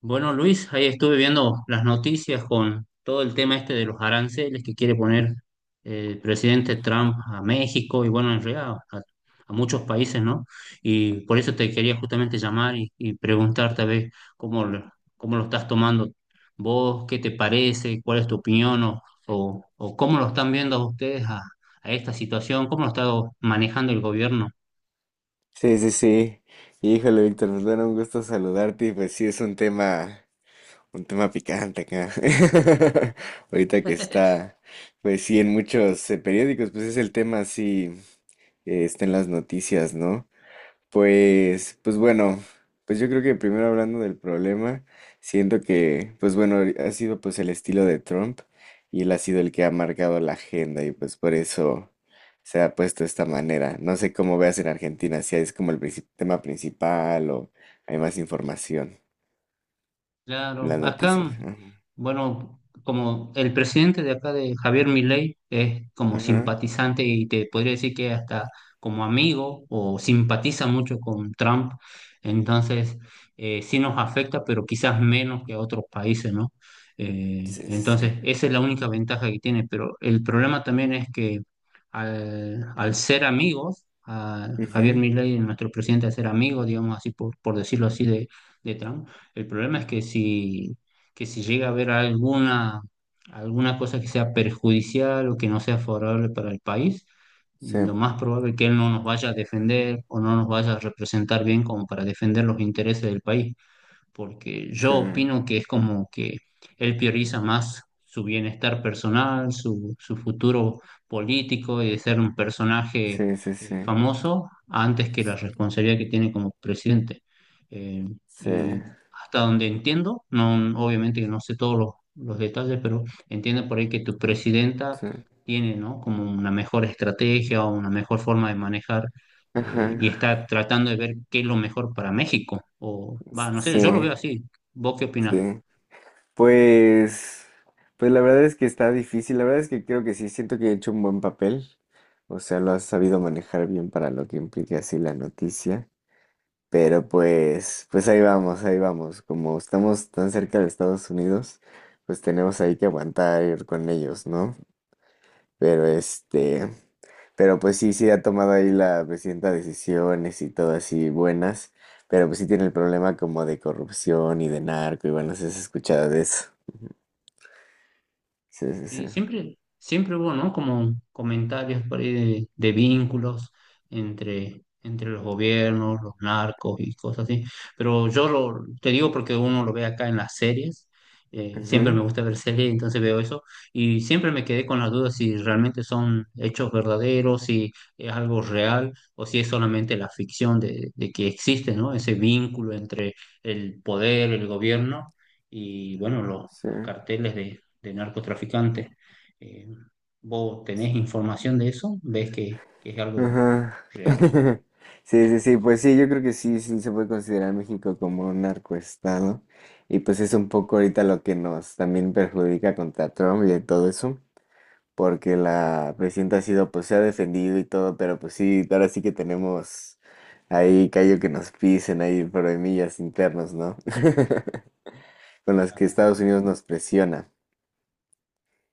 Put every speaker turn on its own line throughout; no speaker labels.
Bueno, Luis, ahí estuve viendo las noticias con todo el tema este de los aranceles que quiere poner el presidente Trump a México y bueno, en realidad a muchos países, ¿no? Y por eso te quería justamente llamar y preguntarte a ver cómo, lo- cómo lo estás tomando vos, qué te parece, cuál es tu opinión o cómo lo están viendo ustedes a esta situación, cómo lo está manejando el gobierno.
Sí, sí, sí. Híjole, Víctor, nos da un gusto saludarte y pues sí es un tema picante acá. Ahorita que está, pues sí, en muchos periódicos, pues es el tema así, está en las noticias, ¿no? Pues bueno, pues yo creo que primero hablando del problema, siento que, pues bueno, ha sido pues el estilo de Trump y él ha sido el que ha marcado la agenda y pues por eso se ha puesto de esta manera. No sé cómo veas en Argentina, si es como el tema principal o hay más información en
Claro,
las
acá,
noticias. Ajá,
bueno, como el presidente de acá de Javier Milei es como
ajá,
simpatizante y te podría decir que hasta como amigo o simpatiza mucho con Trump, entonces sí nos afecta, pero quizás menos que a otros países, ¿no?
sí, sí,
Entonces
sí.
esa es la única ventaja que tiene, pero el problema también es que al ser amigos, a Javier
Ujú,
Milei, nuestro presidente, al ser amigo, digamos así, por decirlo así, de Trump, el problema es que que si llega a haber alguna cosa que sea perjudicial o que no sea favorable para el país,
sí,
lo más probable es que él no nos vaya a defender o no nos vaya a representar bien como para defender los intereses del país porque yo
sí,
opino que es como que él prioriza más su bienestar personal, su futuro político y de ser un personaje
sí, sí, sí,
famoso antes que la responsabilidad que tiene como presidente. Eh,
sí,
y hasta donde entiendo, no, obviamente que no sé todos los detalles, pero entiendo por ahí que tu presidenta
sí,
tiene, ¿no? Como una mejor estrategia o una mejor forma de manejar
ajá,
y está tratando de ver qué es lo mejor para México. O, va, no sé,
sí,
yo lo veo así. ¿Vos qué opinás?
sí. Pues, pues la verdad es que está difícil, la verdad es que creo que sí, siento que he hecho un buen papel, o sea, lo has sabido manejar bien para lo que implica así la noticia, pero pues, pues ahí vamos, como estamos tan cerca de Estados Unidos, pues tenemos ahí que aguantar ir con ellos, ¿no? Pero este, pero pues sí, sí ha tomado ahí la presidenta decisiones y todo así buenas, pero pues sí tiene el problema como de corrupción y de narco y bueno, se has escuchado de eso. Sí, sí, sí.
Y siempre, siempre hubo, ¿no? Como comentarios por ahí de vínculos entre los gobiernos, los narcos y cosas así. Pero yo lo, te digo porque uno lo ve acá en las series. Siempre
Ujú,
me gusta ver series, entonces veo eso. Y siempre me quedé con la duda si realmente son hechos verdaderos, si es algo real o si es solamente la ficción de que existe, ¿no? Ese vínculo entre el poder, el gobierno y, bueno, los
sí.
carteles de narcotraficantes. Eh, ¿Vos tenés información de eso? ¿Ves que es algo
Ajá.
real?
Sí, sí, sí, pues sí, yo creo que sí, sí se puede considerar México como un narcoestado. Y pues es un poco ahorita lo que nos también perjudica contra Trump y todo eso, porque la presidenta ha sido, pues se ha defendido y todo, pero pues sí, ahora sí que tenemos ahí callo que nos pisen, ahí problemillas internos, ¿no? Con las que Estados Unidos nos presiona.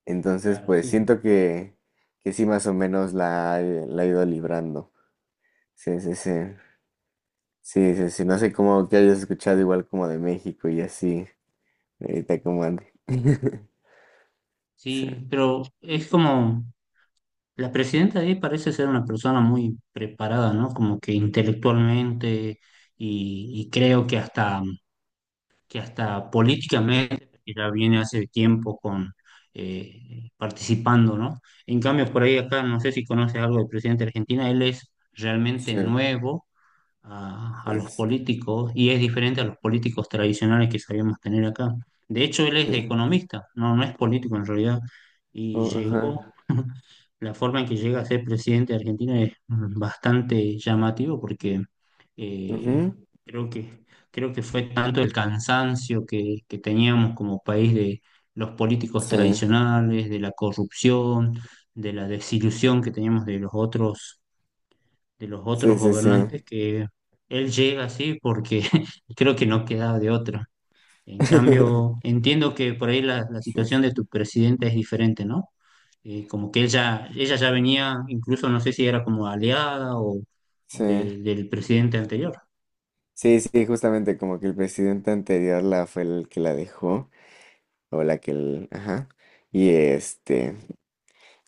Entonces,
Claro,
pues
sí.
siento que sí, más o menos la, la he ido librando. Sí, sí, sí. Sí, sí, sí. No sé cómo que hayas escuchado igual como de México y así. Ahorita como ande. Sí,
Sí, pero es como la presidenta ahí parece ser una persona muy preparada, ¿no? Como que intelectualmente y creo que hasta políticamente ya viene hace tiempo con participando, ¿no? En cambio, por ahí acá, no sé si conoces algo del presidente de Argentina, él es realmente
sí,
nuevo a
sí,
los
sí.
políticos y es diferente a los políticos tradicionales que sabíamos tener acá. De hecho, él es
Sí.
economista, no, no es político en realidad, y
Oh,
llegó,
ajá.
la forma en que llega a ser presidente de Argentina es bastante llamativo porque eh,
Ujú.
creo que, creo que fue tanto el cansancio que teníamos como país de los políticos
Sí,
tradicionales, de la corrupción, de la desilusión que teníamos de los otros
sí, sí, sí.
gobernantes que él llega así porque creo que no quedaba de otra. En cambio, entiendo que por ahí la
Sí,
situación de
sí.
tu presidenta es diferente, ¿no? Como que ella ya venía, incluso no sé si era como aliada
Sí,
del presidente anterior.
sí, sí, justamente como que el presidente anterior la fue el que la dejó, o la que el, ajá. Y este.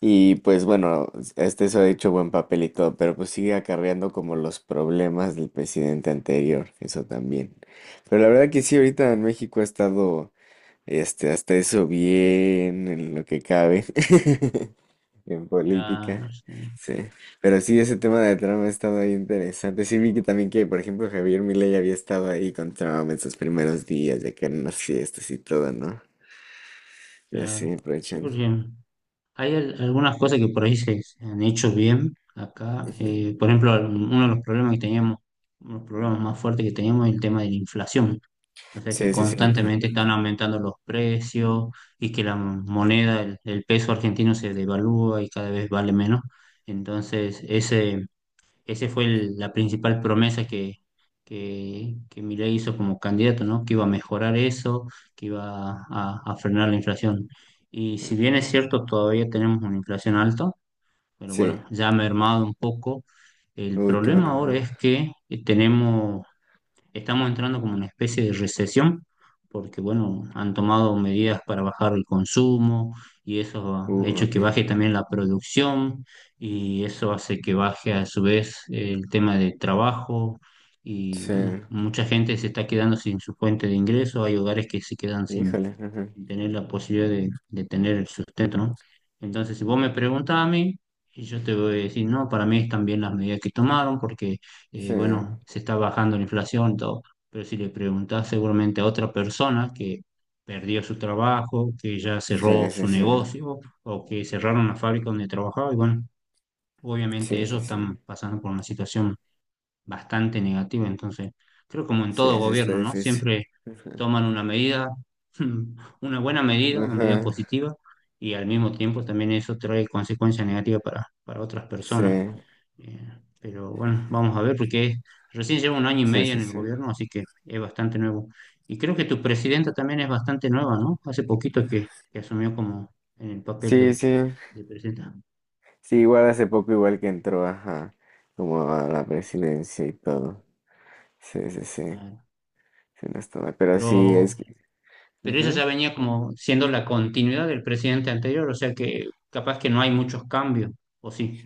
Y pues bueno, este eso ha hecho buen papel y todo, pero pues sigue acarreando como los problemas del presidente anterior, eso también. Pero la verdad que sí, ahorita en México ha estado, este, hasta eso bien, en lo que cabe, en
Ya,
política.
sí,
Sí, pero sí, ese tema de Trump ha estado ahí interesante. Sí, vi que también que, por ejemplo, Javier Milei había estado ahí con Trump en sus primeros días, de que en las fiestas y todo, ¿no? Y así,
claro. Sí,
aprovechando.
porque hay algunas cosas que por ahí se han hecho bien acá.
Ujú.
Por ejemplo, uno de los problemas que teníamos, uno de los problemas más fuertes que teníamos es el tema de la inflación. O sea que
Sí, sí, sí. Ujú.
constantemente están aumentando los precios y que la moneda, el peso argentino se devalúa y cada vez vale menos. Entonces, ese fue la principal promesa que Milei hizo como candidato, ¿no? Que iba a mejorar eso, que iba a frenar la inflación. Y si bien es cierto, todavía tenemos una inflación alta, pero
Sí.
bueno, ya ha mermado un poco. El
Uy, qué bueno.
problema ahora
Ajá.
es que tenemos estamos entrando como una especie de recesión, porque bueno, han tomado medidas para bajar el consumo y eso ha hecho
Ok.
que baje
Ajá.
también la producción y eso hace que baje a su vez el tema de trabajo y
Sí.
bueno, mucha gente se está quedando sin su fuente de ingreso, hay hogares que se quedan sin
Híjole. Ajá.
y tener la posibilidad de tener el sustento, ¿no? Entonces, si vos me preguntas a mí, y yo te voy a decir, no, para mí están bien las medidas que tomaron porque,
Sí.
bueno, se está bajando la inflación y todo, pero si le preguntás seguramente a otra persona que perdió su trabajo, que ya
Sí,
cerró
sí,
su
sí.
negocio o que cerraron la fábrica donde trabajaba, y bueno, obviamente
Sí, sí,
ellos están
sí.
pasando por una situación bastante negativa. Entonces, creo como en todo
Sí, sí, está
gobierno, ¿no?
difícil.
Siempre
Ajá.
toman una medida, una buena medida, una medida
Ajá.
positiva, y al mismo tiempo también eso trae consecuencias negativas para otras
Sí.
personas. Eh, pero bueno, vamos a ver, porque recién llevo un año y
Sí,
medio en
sí,
el
sí.
gobierno, así que es bastante nuevo. Y creo que tu presidenta también es bastante nueva, ¿no? Hace poquito que asumió como en el papel
Sí, sí.
de presidenta.
Sí, igual hace poco, igual que entró, ajá. Como a la presidencia y todo. Sí, sí, sí.
Eh,
Sí, no estaba. Pero sí, es
Pero
que.
pero eso
Ujú.
ya venía como siendo la continuidad del presidente anterior, o sea que capaz que no hay muchos cambios, o sí.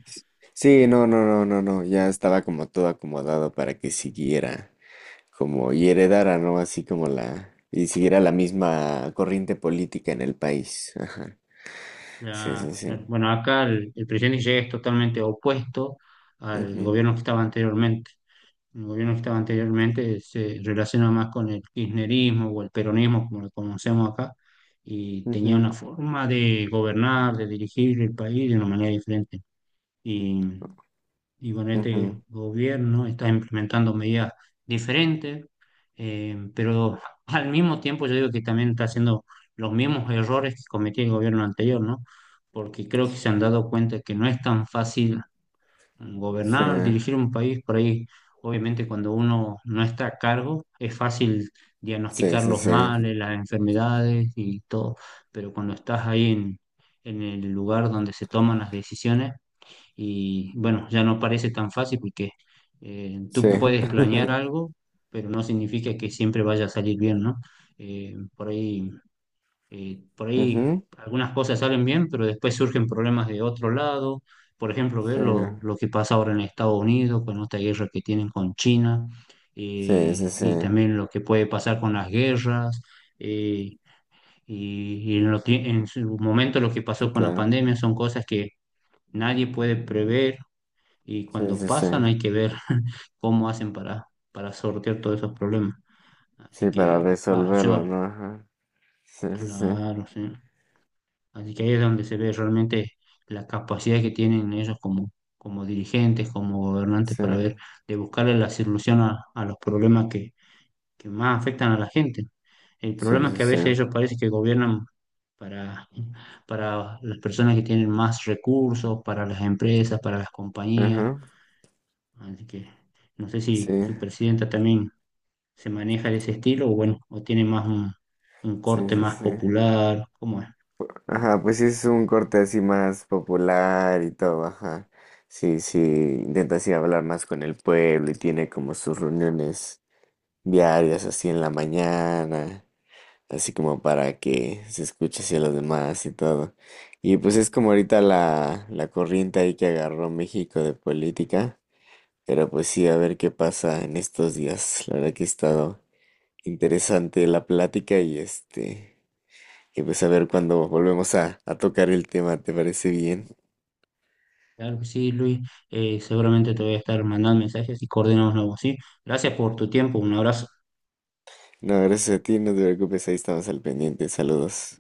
Sí, no, no, no, no, no. Ya estaba como todo acomodado para que siguiera. Como y heredara, ¿no? Así como la, y siguiera la misma corriente política en el país. Ajá. Sí, sí, sí.
Bueno, acá el presidente que llega es totalmente opuesto al
Ujú,
gobierno que estaba anteriormente. El gobierno que estaba anteriormente se relaciona más con el kirchnerismo o el peronismo, como lo conocemos acá, y tenía una
ujú,
forma de gobernar, de dirigir el país de una manera diferente. Y bueno,
ujú.
este gobierno está implementando medidas diferentes, pero al mismo tiempo yo digo que también está haciendo los mismos errores que cometía el gobierno anterior, ¿no? Porque creo que se han dado cuenta que no es tan fácil
Sí,
gobernar, dirigir un país, por ahí obviamente cuando uno no está a cargo es fácil
sí,
diagnosticar
sí,
los
sí.
males, las enfermedades y todo, pero cuando estás ahí en el lugar donde se toman las decisiones, y bueno, ya no parece tan fácil porque
Sí.
tú puedes planear algo, pero no significa que siempre vaya a salir bien, ¿no? Eh, por ahí, por ahí
Ujú.
algunas cosas salen bien, pero después surgen problemas de otro lado. Por ejemplo, ver
Sí,
lo que pasa ahora en Estados Unidos con esta guerra que tienen con China
sí, sí, sí.
y también lo que puede pasar con las guerras. eh, en su momento lo que
Sí,
pasó con la
claro.
pandemia son cosas que nadie puede prever y
Sí,
cuando
sí, sí.
pasan hay que ver cómo hacen para sortear todos esos problemas. Así
Sí, para
que, va,
resolverlo,
yo,
¿no? Ajá. Sí, sí, sí.
claro, sí. Así que ahí es donde se ve realmente la capacidad que tienen ellos como, como dirigentes, como gobernantes,
Sí,
para ver, de buscarle la solución a los problemas que más afectan a la gente. El
sí,
problema es
sí,
que a
sí.
veces ellos parece que gobiernan para, para las personas que tienen más recursos, para las empresas, para las compañías.
Ajá.
Así que no sé si
Sí,
su presidenta también se maneja de ese estilo o bueno, o tiene más un
sí,
corte
sí,
más
sí.
popular, ¿cómo es?
Ajá, pues sí es un corte así más popular y todo, ajá. Sí, sí, intenta así hablar más con el pueblo y tiene como sus reuniones diarias así en la mañana, así como para que se escuche así a los demás y todo. Y pues es como ahorita la, la corriente ahí que agarró México de política, pero pues sí, a ver qué pasa en estos días. La verdad que ha estado interesante la plática y este... Y pues a ver cuando volvemos a tocar el tema, ¿te parece bien?
Claro que sí, Luis, seguramente te voy a estar mandando mensajes y coordinamos nuevos, ¿sí? Gracias por tu tiempo, un abrazo.
No, gracias a ti, no te preocupes, ahí estamos al pendiente. Saludos.